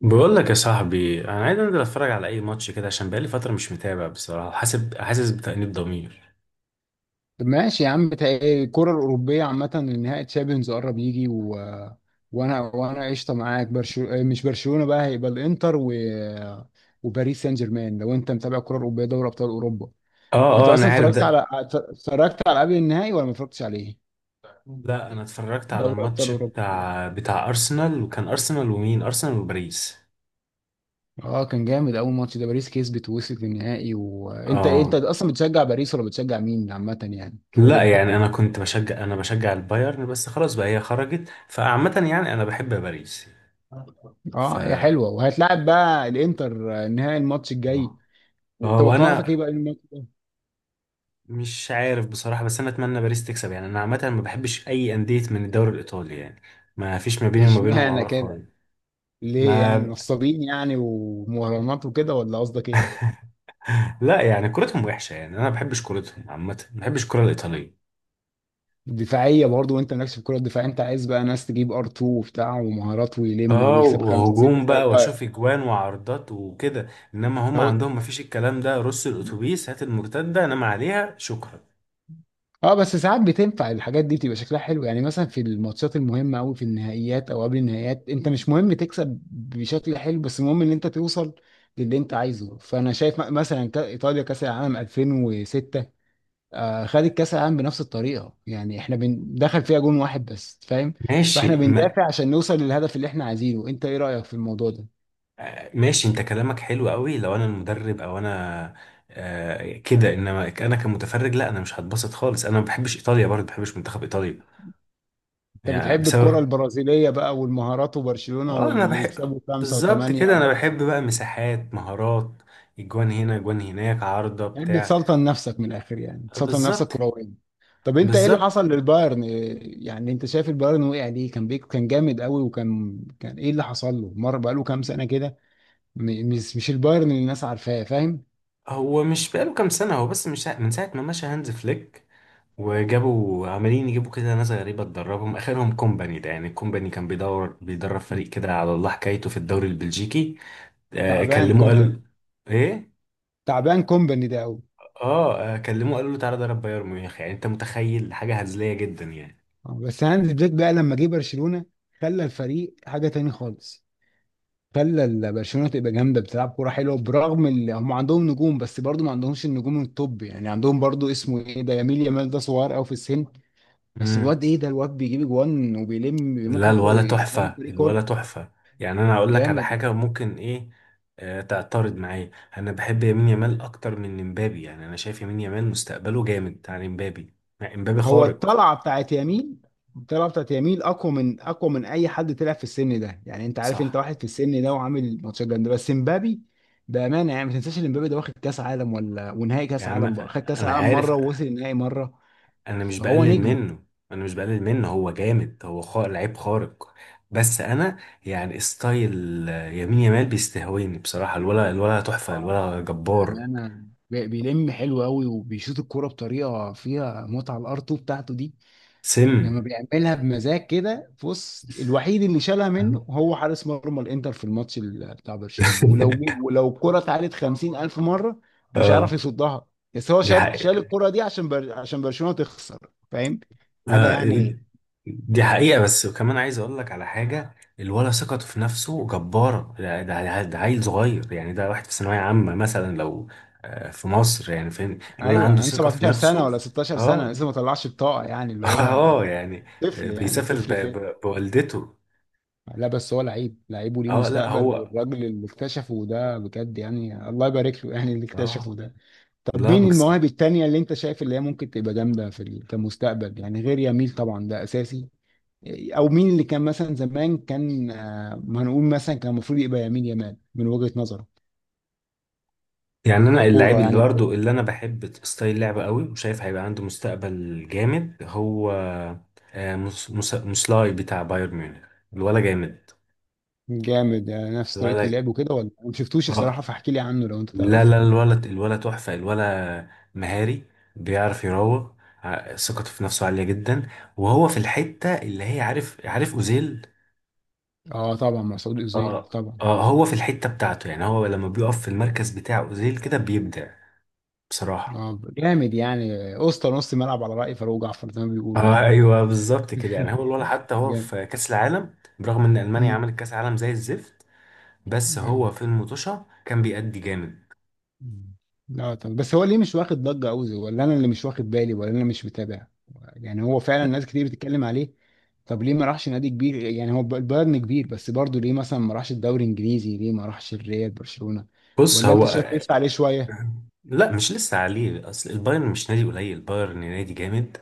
بقول لك يا صاحبي انا عايز انزل اتفرج على اي ماتش كده، عشان بقالي فتره مش متابع بصراحه. حاسب حاسس بتأنيب ضمير. طب ماشي يا عم. بتاع إيه، الكرة الأوروبية عامة. نهائي تشامبيونز قرب يجي وأنا قشطة معاك. برشلونة إيه، مش برشلونة بقى. هيبقى الإنتر وباريس سان جيرمان، لو أنت متابع الكرة الأوروبية، دوري أبطال أوروبا. اه وأنت اه انا أصلا عارف اتفرجت ده. على اتفرجت على قبل النهائي، ولا ما اتفرجتش عليه؟ لا انا اتفرجت على دوري أبطال الماتش أوروبا. بتاع ارسنال، وكان ارسنال ومين؟ ارسنال وباريس. أه، كان جامد أول ماتش ده. باريس كسبت ووصلت للنهائي. وأنت اه أصلا بتشجع باريس، ولا بتشجع مين عامة يعني في لا أوروبا؟ يعني انا بشجع البايرن، بس خلاص بقى هي خرجت، فعامه يعني انا بحب باريس. ف اه، هي اه حلوه، وهتلاعب بقى الانتر، آه، نهائي الماتش الجاي. آه، توقعاتك وانا ايه بقى للماتش ده؟ مش عارف بصراحه، بس انا اتمنى باريس تكسب. يعني انا عامه ما بحبش اي انديه من الدوري الايطالي يعني. ما فيش ما بيني وما مش بينهم معنى عوار كده خالص. ليه، يعني ما نصابين يعني ومهرجانات وكده، ولا قصدك ايه؟ لا يعني كورتهم وحشة يعني، أنا ما بحبش كورتهم عامة، ما بحبش الكورة الإيطالية. دفاعيه برضه، وانت مالكش في الكره الدفاعيه. انت عايز بقى ناس تجيب ار 2 وبتاع ومهارات، ويلم اه، ويكسب خمسه سته وهجوم زي بقى البايرن. واشوف اجوان وعرضات وكده. انما هم هو عندهم ما فيش الكلام ده، رص الاتوبيس هات المرتده انام عليها، شكرا. اه، بس ساعات بتنفع الحاجات دي. بتبقى شكلها حلو يعني. مثلا في الماتشات المهمه قوي، في النهائيات او قبل النهائيات، انت مش مهم تكسب بشكل حلو، بس المهم ان انت توصل للي انت عايزه. فانا شايف مثلا ايطاليا كاس العالم 2006، آه، خدت كاس العالم بنفس الطريقه. يعني احنا دخل فيها جون واحد بس، فاهم. فاحنا ماشي ما بندافع عشان نوصل للهدف اللي احنا عايزينه. انت ايه رايك في الموضوع ده؟ ماشي انت كلامك حلو قوي لو انا المدرب او انا آه كده. انما انا كمتفرج لا، انا مش هتبسط خالص، انا ما بحبش ايطاليا برضه، ما بحبش منتخب ايطاليا. انت يعني بتحب الكره بسبب البرازيليه بقى والمهارات وبرشلونه اه انا واللي بحب، يكسبوا خمسه بالظبط وثمانيه. كده. انا بحب بقى مساحات، مهارات، اجوان هنا اجوان هناك، عارضة يعني بتاع. بتسلطن نفسك من الاخر، يعني بتسلطن نفسك بالظبط. كرويا. طب انت، ايه اللي بالظبط. حصل للبايرن يعني؟ انت شايف البايرن وقع ليه؟ كان بيك، كان جامد قوي، وكان ايه اللي حصل له؟ مره بقاله كام سنه كده، مش البايرن اللي الناس عارفاه، فاهم. هو مش بقاله كام سنة، هو بس مش من ساعة ما مشى هانز فليك وجابوا عمالين يجيبوا كده ناس غريبة تدربهم، آخرهم كومباني ده. يعني الكومباني كان بيدور بيدرب فريق كده على الله حكايته في الدوري البلجيكي، آه تعبان كلموه قال كومباني. ايه تعبان كومباني ده قوي. اه آه، كلموه قالوا له تعالى درب بايرن ميونخ. يعني انت متخيل حاجة هزلية جدا يعني. آه، بس هانز فليك بقى لما جه برشلونه، خلى الفريق حاجه تاني خالص. خلى برشلونه تبقى جامده، بتلعب كوره حلوه، برغم اللي هم عندهم نجوم، بس برضو ما عندهمش النجوم التوب. يعني عندهم برضو، اسمه ايه ده، يميل يامال ده صغير قوي في السن. بس امم الواد ايه ده، الواد بيجيب اجوان وبيلم. لا، ممكن الولا يلم تحفة، الفريق كله. الولا تحفة. يعني أنا أقول لك على جامد. حاجة، ممكن إيه آه تعترض معايا؟ أنا بحب يمين يامال أكتر من إمبابي. يعني أنا شايف يمين يامال مستقبله جامد عن إمبابي. مع إمبابي هو خارق. الطلعه بتاعت يمين، الطلعه بتاعت يمين اقوى من اي حد طلع في السن ده. يعني انت عارف، انت صح. واحد في السن ده وعامل ماتشات جامده. بس مبابي بامانه، يعني ما تنساش ان مبابي ده واخد كاس عالم، ولا ونهائي يا كاس عم عالم بقى. خد كاس أنا عالم عارف، مره ووصل النهائي مره، أنا مش فهو بقلل نجم. منه. أنا مش بقلل منه، هو جامد، هو خارق، لعيب خارق. بس أنا يعني ستايل آه، يمين يامال بيستهويني بصراحة. الولا، الولا تحفة، اه، الولا جبار. بأمانة، بيلم حلو قوي، وبيشوط الكورة بطريقة فيها متعة. الار 2 بتاعته دي سم. لما بيعملها بمزاج كده، بص، الوحيد اللي شالها منه هو حارس مرمى الانتر في الماتش بتاع برشلونة. ولو الكرة اتعادت 50 ألف مرة مش هيعرف آه يصدها. بس هو دي شال حقيقة. الكرة دي عشان عشان برشلونة تخسر، فاهم، حاجة آه، يعني. دي حقيقة، بس وكمان عايز اقول لك على حاجة. الولد ثقته في نفسه جبارة. ده عيل صغير يعني، ده واحد في ثانوية عامة مثلا، لو آه، في مصر يعني فاهم. الولد ايوه، عنده عنده ثقة في 17 سنة نفسه. ولا 16 سنة اه لسه، ما طلعش الطاقة يعني. اللي هو اه يعني آه، طفل يعني، بيسافر طفل طفل. بوالدته. لا بس هو لعيب، لعيب وليه اه لا مستقبل. هو والراجل اللي اكتشفه ده بجد يعني، الله يبارك له، يعني اللي اه اكتشفه ده. طب لا مين بجس. المواهب التانية اللي انت شايف اللي هي ممكن تبقى جامدة في كمستقبل يعني، غير يميل طبعا ده اساسي؟ او مين اللي كان مثلا زمان، كان، آه، ما هنقول مثلا، كان المفروض يبقى يميل يمال من وجهة نظرك؟ يعني انا اللعيب ككورة اللي يعني وكده. برضه اللي انا بحب ستايل لعبه قوي وشايف هيبقى عنده مستقبل جامد هو آه، مسلاي بتاع بايرن ميونخ. الولا جامد، جامد، آه، نفس طريقة الولا اللعب وكده، ولا ما شفتوش اه الصراحة؟ فاحكي لي عنه لو انت لا تعرف. لا، الولد، الولد تحفة، الولد مهاري، بيعرف يروق. ثقته في نفسه عالية جدا. وهو في الحتة اللي هي، عارف عارف أوزيل؟ اه طبعا، مسعود اوزيل اه. طبعا. اه هو في الحتة بتاعته. يعني هو لما بيقف في المركز بتاع أوزيل كده بيبدع بصراحة. اه، جامد يعني. اسطى نص ملعب على رأي فاروق جعفر زي ما بيقول اه يعني. ايوه بالظبط كده. يعني هو الولد حتى هو جامد. في كأس العالم، برغم ان ألمانيا مم. عملت كأس عالم زي الزفت، بس أيوة. هو في المطوشة كان بيأدي جامد. مم. لا طب، بس هو ليه مش واخد ضجة أوي، ولا أنا اللي مش واخد بالي، ولا أنا مش متابع؟ يعني هو فعلا ناس كتير بتتكلم عليه. طب ليه ما راحش نادي كبير يعني؟ هو البايرن كبير بس برضه، ليه مثلا ما راحش الدوري الإنجليزي؟ ليه ما راحش الريال، برشلونة؟ بص ولا أنت هو شايف لسه عليه شوية؟ لا مش لسه عليه. اصل البايرن مش نادي قليل، البايرن نادي جامد،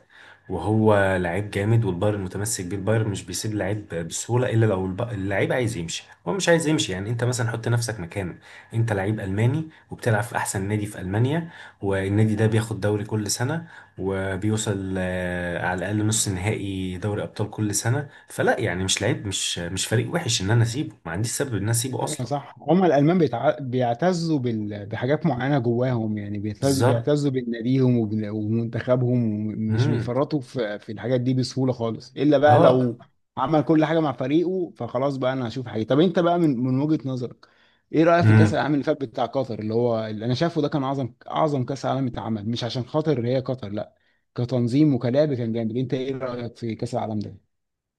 وهو لعيب جامد، والبايرن متمسك بيه. البايرن مش بيسيب لعيب بسهوله، الا لو اللعيب عايز يمشي، هو مش عايز يمشي. يعني انت مثلا حط نفسك مكانه، انت لعيب الماني وبتلعب في احسن نادي في المانيا، والنادي ده بياخد دوري كل سنه، وبيوصل آه، على الاقل نص نهائي دوري ابطال كل سنه. فلا يعني، مش لعيب، مش فريق وحش ان انا اسيبه. ما عنديش سبب ان انا اسيبه ايوه اصلا. صح، هم الالمان بيعتزوا بحاجات معينه جواهم يعني، بيعتزوا بالظبط. بيعتزوا بناديهم ومنتخبهم. مش امم بيفرطوا في الحاجات دي بسهوله خالص، الا بقى اه لو عمل كل حاجه مع فريقه، فخلاص بقى، انا هشوف حاجه. طب انت بقى، من وجهه نظرك، ايه رايك في كاس مم. العالم اللي فات بتاع قطر؟ اللي هو اللي انا شايفه ده كان اعظم، اعظم كاس عالم اتعمل. مش عشان خاطر هي قطر، لا، كتنظيم وكلعب كان جامد. انت ايه رايك في كاس العالم ده؟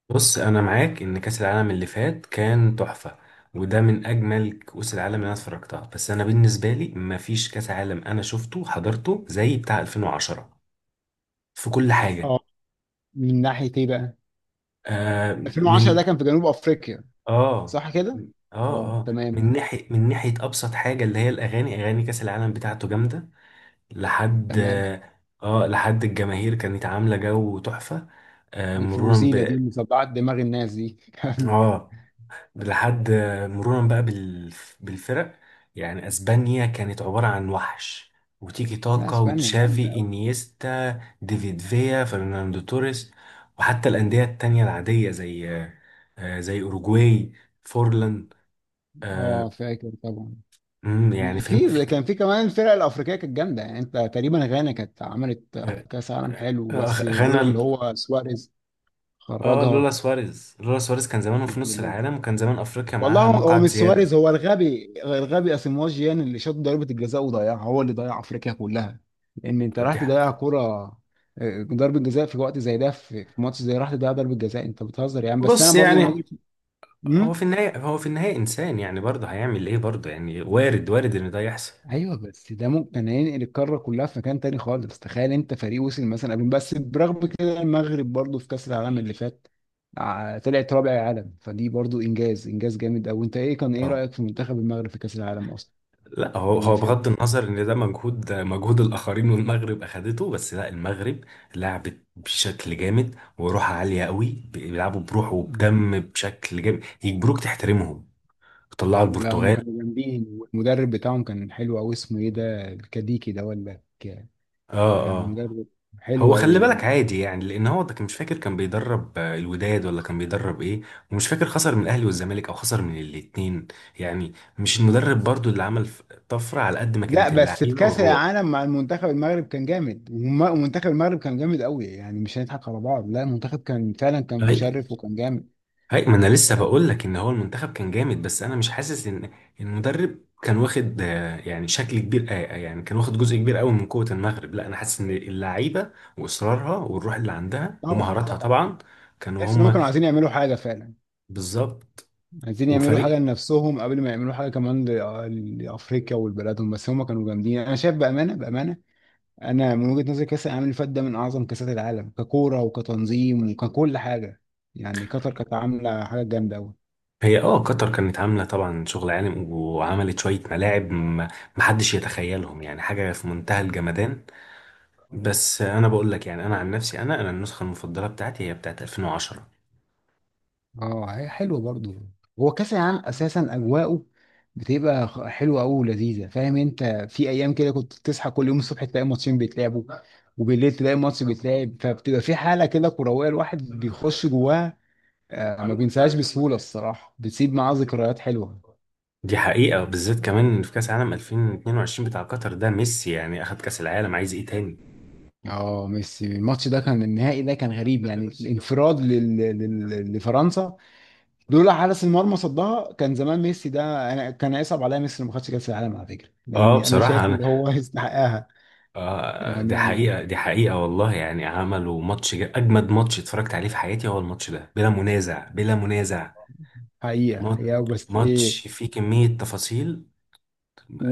بص انا معاك ان كاس العالم اللي فات كان تحفه، وده من اجمل كؤوس العالم اللي انا اتفرجتها. بس انا بالنسبه لي مفيش كاس عالم انا شفته حضرته زي بتاع 2010 في كل ماشي حاجه. اه. من ناحيه ايه بقى؟ آه 2010 من ده كان في جنوب افريقيا، اه صح كده؟ اه اه تمام. من ناحيه، من ناحيه ابسط حاجه اللي هي الاغاني. اغاني كاس العالم بتاعته جامده. لحد تمام. اه لحد الجماهير كانت عامله جو تحفه. آه مرورا ب، الفوزيلة دي مصدعة دماغ الناس دي. اه لحد، مرورا بقى بالفرق. يعني اسبانيا كانت عباره عن وحش، وتيكي لا، تاكا اسبانيا جامدة وتشافي قوي. انيستا ديفيد فيا فرناندو توريس. وحتى الانديه التانية العاديه زي آه، زي اوروجواي، فورلان اه آه، فاكر طبعا. مم، يعني فاهمني في وفي كان في كمان الفرق الافريقيه كانت جامده يعني. انت تقريبا غانا كانت عملت كاس عالم حلو، آه، بس لولا غانا. اللي هو سواريز اه لولا خرجها. سواريز، لولا سواريز كان زمانه في نص العالم، وكان زمان افريقيا والله، معاها هو مقعد مش سواريز، زياده. هو الغبي، الغبي اسيمواجيان اللي شاط ضربة الجزاء وضيعها، هو اللي ضيع افريقيا كلها. لان انت راح دي حاجة. تضيع كرة، آه، ضربة جزاء في وقت زي ده، في ماتش زي، راح تضيع ضربة جزاء، انت بتهزر يعني. بس انا بص برضو من يعني، وجهة. هو في امم. النهاية، هو في النهاية إنسان يعني، برضه هيعمل إيه برضه يعني. وارد، وارد إن ده يحصل. ايوه بس ده ممكن ينقل القارة كلها في مكان تاني خالص. تخيل انت فريق وصل مثلا قبل، بس برغم كده، المغرب برضو في كأس العالم اللي فات، آه، طلعت رابع العالم، فدي برضو انجاز، انجاز جامد قوي. انت ايه، كان ايه اه رأيك في منتخب المغرب في كأس العالم اصلا لا هو، اللي هو بغض فات؟ النظر إن ده مجهود، مجهود الآخرين والمغرب أخدته. بس لا، المغرب لعبت بشكل جامد وروح عالية قوي، بيلعبوا بروح وبدم بشكل جامد يجبروك تحترمهم، طلعوا لا هم البرتغال. كانوا جامدين، والمدرب بتاعهم كان حلو قوي، اسمه ايه ده الكديكي ده، ولا آه، اه اه. مدرب هو حلو قوي. خلي بالك عادي يعني، لان هو ده مش فاكر كان بيدرب آه، الوداد ولا كان بيدرب ايه، ومش فاكر خسر من الاهلي والزمالك او خسر من الاتنين. يعني مش المدرب برضو اللي عمل طفرة، على قد ما لا كانت بس في اللعيبة كاس والروح. العالم مع المنتخب، المغرب كان جامد، ومنتخب المغرب كان جامد قوي يعني. مش هنضحك على بعض، لا المنتخب كان فعلا كان هي مشرف وكان جامد. هي ما انا لسه آه، بقول لك ان هو المنتخب كان جامد، بس انا مش حاسس ان المدرب كان واخد آه، يعني شكل كبير آه، آه، يعني كان واخد جزء كبير قوي من قوة المغرب. لا انا حاسس ان اللعيبة واصرارها والروح اللي عندها طبعا ومهاراتها طبعا. طبعا كانوا تحس ان هم هما. كانوا عايزين يعملوا حاجه فعلا. بالظبط. عايزين يعملوا وفريق حاجه لنفسهم، قبل ما يعملوا حاجه كمان لافريقيا ولبلادهم. بس هم كانوا جامدين انا شايف، بامانه بامانه. انا من وجهة نظري، كاس العالم اللي فات ده من اعظم كاسات العالم، ككوره وكتنظيم وككل حاجه. يعني قطر كانت عامله حاجه جامده قوي. هي اه قطر كانت عاملة طبعا شغل عالم، وعملت شوية ملاعب محدش يتخيلهم يعني، حاجة في منتهى الجمدان. بس انا بقول لك يعني، انا عن نفسي انا النسخة المفضلة بتاعتي هي بتاعت 2010. اه هي حلوه برضو. هو كاس العالم اساسا اجواءه بتبقى حلوه قوي ولذيذه، فاهم انت؟ في ايام كده كنت تصحى كل يوم الصبح تلاقي ماتشين بيتلعبوا، وبالليل تلاقي ماتش بيتلعب. فبتبقى في حاله كده كرويه الواحد بيخش جواها. آه، ما بينساهاش بسهوله الصراحه. بتسيب معاه ذكريات حلوه. دي حقيقة، بالذات كمان إن في كأس عالم 2022 بتاع قطر ده ميسي يعني اخد كأس العالم، عايز ايه تاني؟ اه، ميسي الماتش ده، كان النهائي ده كان غريب، لا يعني. ميسي كان الانفراد لفرنسا. لولا حارس المرمى صدها، كان زمان ميسي ده. انا كان هيصعب عليا ميسي لو ما خدش كاس العالم على فكره، اه لان انا بصراحة شايف انا اللي هو يستحقها. آه دي تمام يعني. حقيقة، دي حقيقة والله. يعني عملوا ماتش اجمد ماتش اتفرجت عليه في حياتي هو الماتش ده، بلا منازع، بلا منازع. حقيقه مات- حقيقه، بس ايه، ماتش فيه كمية تفاصيل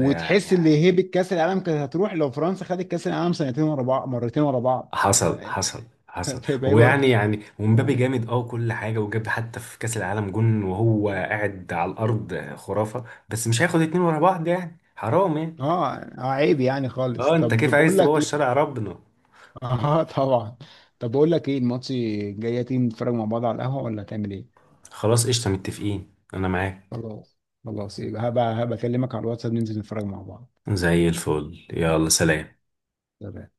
يعني. ان هيبه كاس العالم كانت هتروح لو فرنسا خدت كاس العالم سنتين ورا بعض، مرتين ورا بعض. حصل، ك- حصل، حصل. كانت هيبقى هو هيبه يعني ريحته. يعني ومبابي اه، جامد اه كل حاجه، وجاب حتى في كاس العالم جون وهو قاعد على الارض، خرافه. بس مش هياخد اتنين ورا بعض يعني، حرام يعني. آه، عيب يعني خالص. اه انت طب كيف عايز بقول لك تبوظ إيه، شرع ربنا؟ اه طبعا. طب بقول لك ايه، الماتش جايه، تيجي نتفرج مع بعض على القهوه، ولا تعمل ايه؟ خلاص قشطه، متفقين، انا معاك. خلاص. خلاص يبقى هبقى اكلمك على الواتساب ننزل نتفرج مع بعض. زي الفل، يلا سلام. تمام.